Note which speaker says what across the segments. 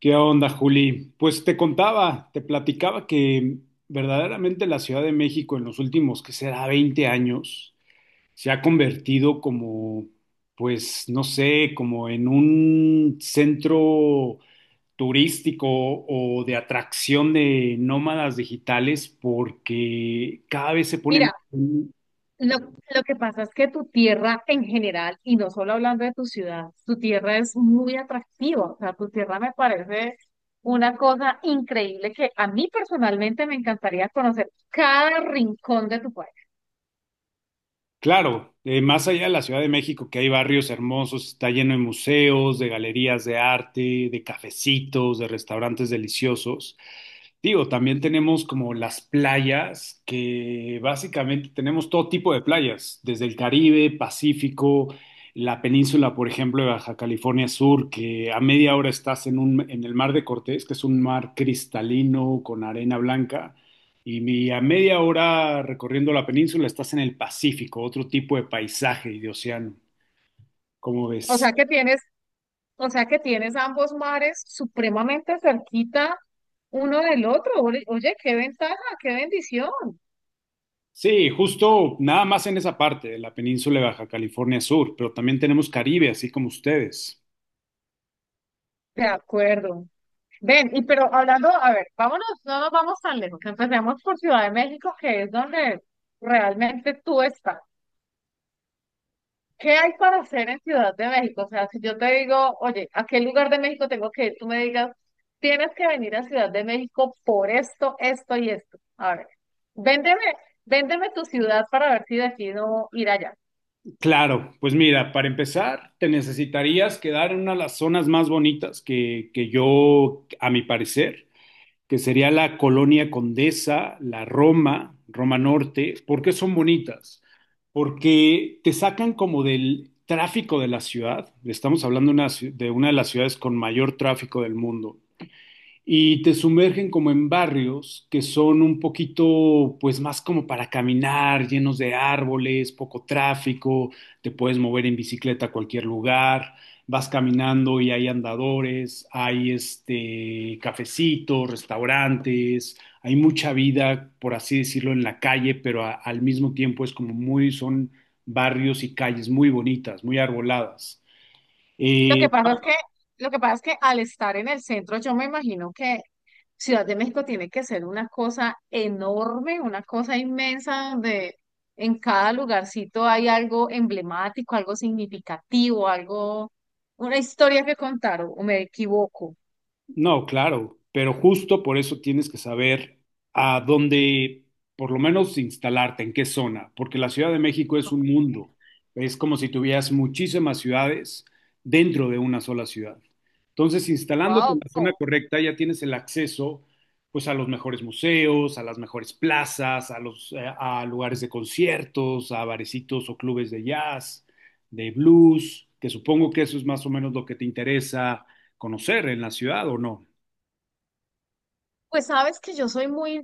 Speaker 1: ¿Qué onda, Juli? Pues te platicaba que verdaderamente la Ciudad de México en los últimos, que será 20 años, se ha convertido como, pues, no sé, como en un centro turístico o de atracción de nómadas digitales porque cada vez se pone
Speaker 2: Mira,
Speaker 1: más.
Speaker 2: lo que pasa es que tu tierra en general, y no solo hablando de tu ciudad, tu tierra es muy atractiva. O sea, tu tierra me parece una cosa increíble que a mí personalmente me encantaría conocer cada rincón de tu país.
Speaker 1: Claro, más allá de la Ciudad de México, que hay barrios hermosos, está lleno de museos, de galerías de arte, de cafecitos, de restaurantes deliciosos. Digo, también tenemos como las playas, que básicamente tenemos todo tipo de playas, desde el Caribe, Pacífico, la península, por ejemplo, de Baja California Sur, que a media hora estás en el Mar de Cortés, que es un mar cristalino con arena blanca. A media hora recorriendo la península estás en el Pacífico, otro tipo de paisaje y de océano. ¿Cómo
Speaker 2: O
Speaker 1: ves?
Speaker 2: sea que tienes, o sea que tienes ambos mares supremamente cerquita uno del otro. Oye, oye, qué ventaja, qué bendición.
Speaker 1: Sí, justo nada más en esa parte de la península de Baja California Sur, pero también tenemos Caribe, así como ustedes.
Speaker 2: De acuerdo. Ven, y pero hablando, a ver, vámonos, no nos vamos tan lejos. Empecemos por Ciudad de México, que es donde realmente tú estás. ¿Qué hay para hacer en Ciudad de México? O sea, si yo te digo, oye, ¿a qué lugar de México tengo que ir? Tú me digas, tienes que venir a Ciudad de México por esto, esto y esto. A ver, véndeme, véndeme tu ciudad para ver si decido ir allá.
Speaker 1: Claro, pues mira, para empezar, te necesitarías quedar en una de las zonas más bonitas que yo, a mi parecer, que sería la colonia Condesa, la Roma, Roma Norte. ¿Por qué son bonitas? Porque te sacan como del tráfico de la ciudad. Estamos hablando de una de las ciudades con mayor tráfico del mundo y te sumergen como en barrios que son un poquito, pues más como para caminar, llenos de árboles, poco tráfico, te puedes mover en bicicleta a cualquier lugar, vas caminando y hay andadores, hay este cafecitos, restaurantes, hay mucha vida, por así decirlo, en la calle, pero al mismo tiempo es como son barrios y calles muy bonitas, muy arboladas.
Speaker 2: Lo
Speaker 1: Eh,
Speaker 2: que pasa es que, lo que pasa es que al estar en el centro, yo me imagino que Ciudad de México tiene que ser una cosa enorme, una cosa inmensa, donde en cada lugarcito hay algo emblemático, algo significativo, algo, una historia que contar, o me equivoco.
Speaker 1: No, claro, pero justo por eso tienes que saber a dónde, por lo menos, instalarte, en qué zona, porque la Ciudad de México es un mundo. Es como si tuvieras muchísimas ciudades dentro de una sola ciudad. Entonces, instalándote en
Speaker 2: Wow.
Speaker 1: la zona correcta, ya tienes el acceso, pues, a los mejores museos, a las mejores plazas, a lugares de conciertos, a barecitos o clubes de jazz, de blues, que supongo que eso es más o menos lo que te interesa conocer en la ciudad o no.
Speaker 2: Pues sabes que yo soy muy,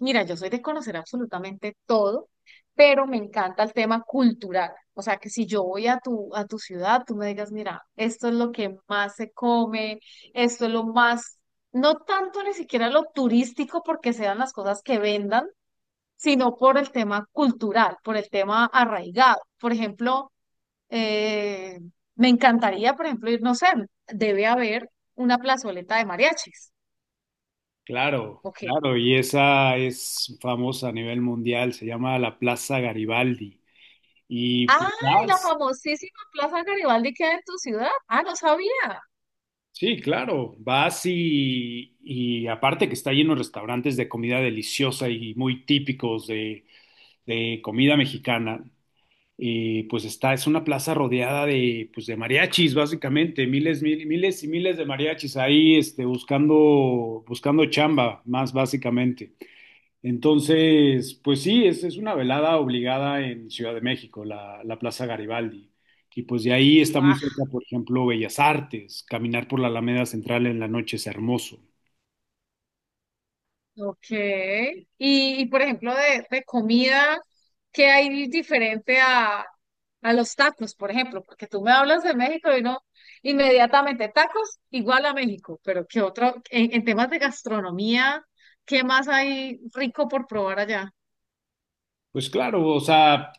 Speaker 2: mira, yo soy de conocer absolutamente todo, pero me encanta el tema cultural. O sea, que si yo voy a tu ciudad, tú me digas, mira, esto es lo que más se come, esto es lo más, no tanto ni siquiera lo turístico porque sean las cosas que vendan, sino por el tema cultural, por el tema arraigado. Por ejemplo, eh, me encantaría, por ejemplo, ir, no sé, debe haber una plazoleta de mariachis.
Speaker 1: Claro,
Speaker 2: Ok.
Speaker 1: claro, y esa es famosa a nivel mundial, se llama la Plaza Garibaldi. Y
Speaker 2: Ah,
Speaker 1: pues
Speaker 2: la
Speaker 1: vas,
Speaker 2: famosísima Plaza Garibaldi queda en tu ciudad. Ah, no sabía.
Speaker 1: sí, claro, vas y aparte que está lleno de restaurantes de comida deliciosa y muy típicos de comida mexicana, y pues está, es una plaza rodeada pues de mariachis, básicamente, miles y miles de mariachis ahí, este, buscando chamba, más básicamente. Entonces, pues sí, es una velada obligada en Ciudad de México, la Plaza Garibaldi. Y pues de ahí está muy
Speaker 2: Ah,
Speaker 1: cerca, por ejemplo, Bellas Artes. Caminar por la Alameda Central en la noche es hermoso.
Speaker 2: ok. Y, por ejemplo, de comida, ¿qué hay diferente a los tacos, por ejemplo? Porque tú me hablas de México y no inmediatamente tacos igual a México, pero ¿qué otro? En temas de gastronomía, ¿qué más hay rico por probar allá?
Speaker 1: Pues claro, o sea,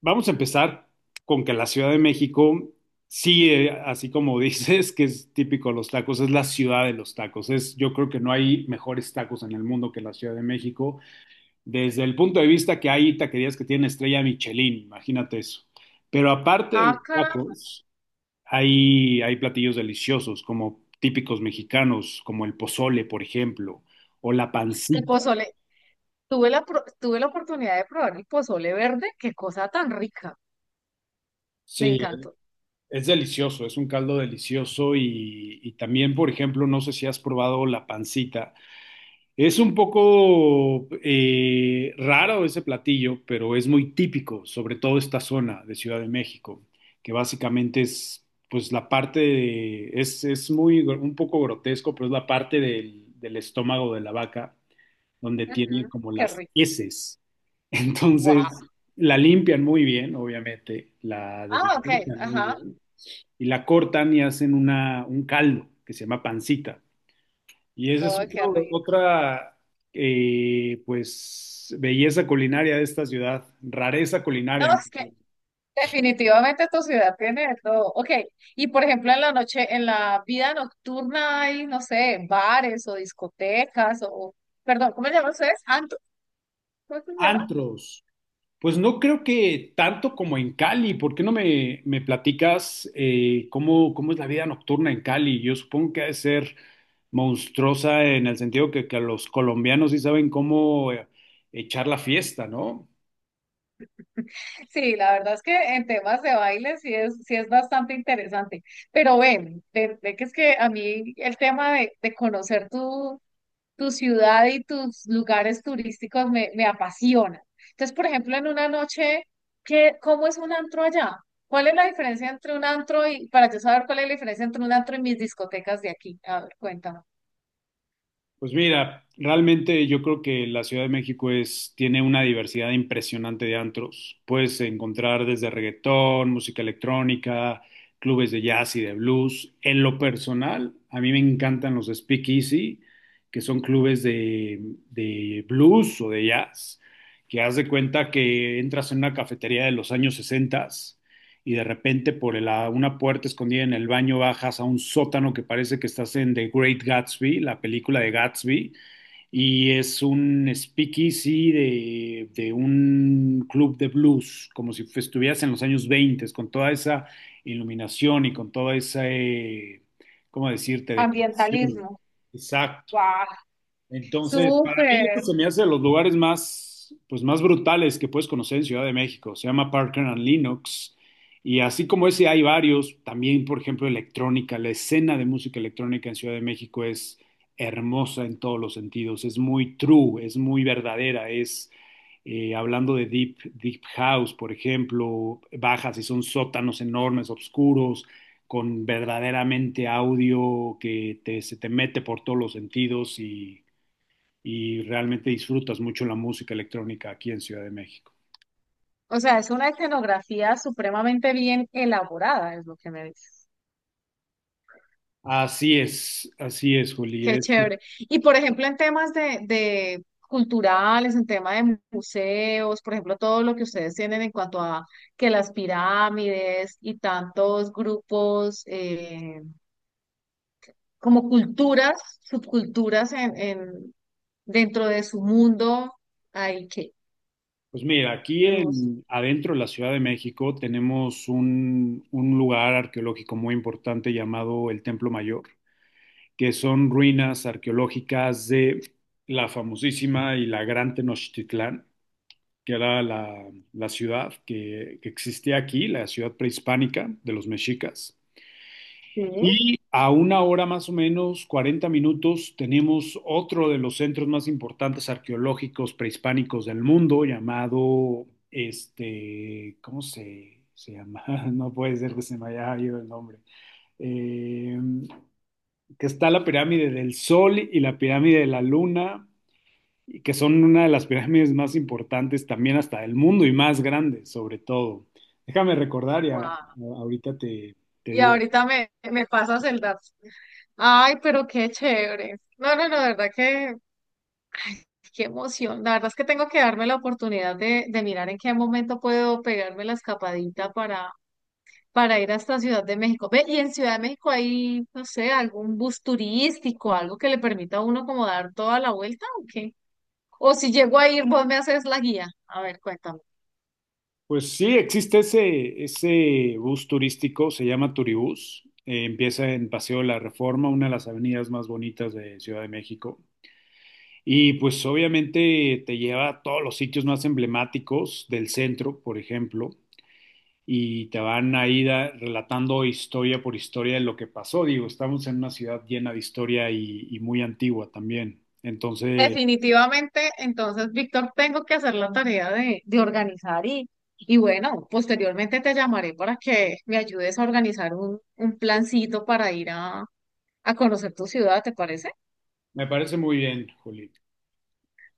Speaker 1: vamos a empezar con que la Ciudad de México, sí, así como dices, que es típico de los tacos, es la ciudad de los tacos. Es, yo creo que no hay mejores tacos en el mundo que la Ciudad de México, desde el punto de vista que hay taquerías que tienen estrella Michelin, imagínate eso. Pero aparte de
Speaker 2: Ah,
Speaker 1: los
Speaker 2: caramba.
Speaker 1: tacos, hay platillos deliciosos, como típicos mexicanos, como el pozole, por ejemplo, o la
Speaker 2: El
Speaker 1: pancita.
Speaker 2: pozole. Tuve la, tuve la oportunidad de probar el pozole verde. Qué cosa tan rica. Me
Speaker 1: Sí,
Speaker 2: encantó.
Speaker 1: es delicioso, es un caldo delicioso y también, por ejemplo, no sé si has probado la pancita. Es un poco raro ese platillo, pero es muy típico, sobre todo esta zona de Ciudad de México, que básicamente es, pues es un poco grotesco, pero es la parte del estómago de la vaca, donde tiene
Speaker 2: Ujú,
Speaker 1: como
Speaker 2: qué
Speaker 1: las
Speaker 2: rico.
Speaker 1: heces.
Speaker 2: Guau.
Speaker 1: Entonces, la limpian muy bien, obviamente, la
Speaker 2: Ah, ok.
Speaker 1: desinfectan muy
Speaker 2: Ajá.
Speaker 1: bien, y la cortan y hacen un caldo que se llama pancita. Y esa
Speaker 2: No,
Speaker 1: es
Speaker 2: qué rico.
Speaker 1: otra, pues, belleza culinaria de esta ciudad, rareza
Speaker 2: No,
Speaker 1: culinaria, ¿no?
Speaker 2: es que definitivamente tu ciudad tiene de todo. Ok. Y por ejemplo, en la noche, en la vida nocturna hay, no sé, bares o discotecas o, perdón, ¿cómo se llaman ustedes? ¿Anto? ¿Cómo se llama?
Speaker 1: Antros. Pues no creo que tanto como en Cali. ¿Por qué no me platicas cómo es la vida nocturna en Cali? Yo supongo que ha de ser monstruosa en el sentido que los colombianos sí saben cómo echar la fiesta, ¿no?
Speaker 2: Sí, la verdad es que en temas de baile sí es bastante interesante. Pero ven, ven, ven que es que a mí el tema de conocer tu, tu ciudad y tus lugares turísticos me, me apasionan. Entonces, por ejemplo, en una noche, ¿qué, cómo es un antro allá? ¿Cuál es la diferencia entre un antro y, para yo saber cuál es la diferencia entre un antro y mis discotecas de aquí? A ver, cuéntame.
Speaker 1: Pues mira, realmente yo creo que la Ciudad de México tiene una diversidad impresionante de antros. Puedes encontrar desde reggaetón, música electrónica, clubes de jazz y de blues. En lo personal, a mí me encantan los speakeasy, que son clubes de blues o de jazz, que haz de cuenta que entras en una cafetería de los años 60 y de repente por una puerta escondida en el baño bajas a un sótano que parece que estás en The Great Gatsby, la película de Gatsby, y es un speakeasy de un club de blues, como si estuvieras en los años 20, con toda esa iluminación y con toda esa, ¿cómo decirte?, decoración.
Speaker 2: Ambientalismo.
Speaker 1: Exacto.
Speaker 2: ¡Guau!
Speaker 1: Entonces, para mí esto
Speaker 2: Súper.
Speaker 1: se me hace de los lugares más, pues, más brutales que puedes conocer en Ciudad de México. Se llama Parker and Linux. Y así como ese hay varios, también, por ejemplo, electrónica. La escena de música electrónica en Ciudad de México es hermosa en todos los sentidos. Es muy true, es muy verdadera. Es, hablando de deep house, por ejemplo, bajas y son sótanos enormes, oscuros, con verdaderamente audio se te mete por todos los sentidos y realmente disfrutas mucho la música electrónica aquí en Ciudad de México.
Speaker 2: O sea, es una escenografía supremamente bien elaborada, es lo que me dices.
Speaker 1: Así es, Juli.
Speaker 2: Qué chévere. Y por ejemplo, en temas de culturales, en tema de museos, por ejemplo, todo lo que ustedes tienen en cuanto a que las pirámides y tantos grupos como culturas, subculturas dentro de su mundo, ahí que
Speaker 1: Pues mira, aquí
Speaker 2: hemos.
Speaker 1: en, adentro de la Ciudad de México tenemos un lugar arqueológico muy importante llamado el Templo Mayor, que son ruinas arqueológicas de la famosísima y la gran Tenochtitlán, que era la ciudad que existía aquí, la ciudad prehispánica de los mexicas.
Speaker 2: Sí.
Speaker 1: Y a una hora más o menos, 40 minutos, tenemos otro de los centros más importantes arqueológicos prehispánicos del mundo, llamado, este, ¿cómo se llama? No puede ser que se me haya ido el nombre. Eh, que está la pirámide del Sol y la pirámide de la Luna, y que son una de las pirámides más importantes también hasta del mundo y más grandes, sobre todo. Déjame recordar
Speaker 2: Wow.
Speaker 1: ahorita te
Speaker 2: Y
Speaker 1: digo.
Speaker 2: ahorita me, me pasas el dato. Ay, pero qué chévere. No, no, no, de verdad que qué emoción. La verdad es que tengo que darme la oportunidad de mirar en qué momento puedo pegarme la escapadita para ir hasta Ciudad de México. Ve, y en Ciudad de México hay, no sé, algún bus turístico, algo que le permita a uno como dar toda la vuelta o qué. O si llego a ir, vos me haces la guía. A ver, cuéntame.
Speaker 1: Pues sí, existe ese bus turístico, se llama Turibús. Empieza en Paseo de la Reforma, una de las avenidas más bonitas de Ciudad de México. Y pues obviamente te lleva a todos los sitios más emblemáticos del centro, por ejemplo, y te van ahí relatando historia por historia de lo que pasó. Digo, estamos en una ciudad llena de historia y muy antigua también. Entonces,
Speaker 2: Definitivamente, entonces, Víctor, tengo que hacer la tarea de organizar y bueno, posteriormente te llamaré para que me ayudes a organizar un plancito para ir a conocer tu ciudad, ¿te parece?
Speaker 1: me parece muy bien, Juli.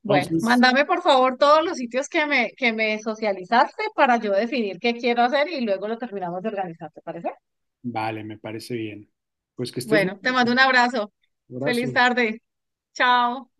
Speaker 2: Bueno,
Speaker 1: Entonces,
Speaker 2: mándame por favor todos los sitios que me socializaste para yo definir qué quiero hacer y luego lo terminamos de organizar, ¿te parece?
Speaker 1: vale, me parece bien. Pues que estés muy
Speaker 2: Bueno, te mando
Speaker 1: bien.
Speaker 2: un abrazo. Feliz
Speaker 1: Abrazo.
Speaker 2: tarde. Chao.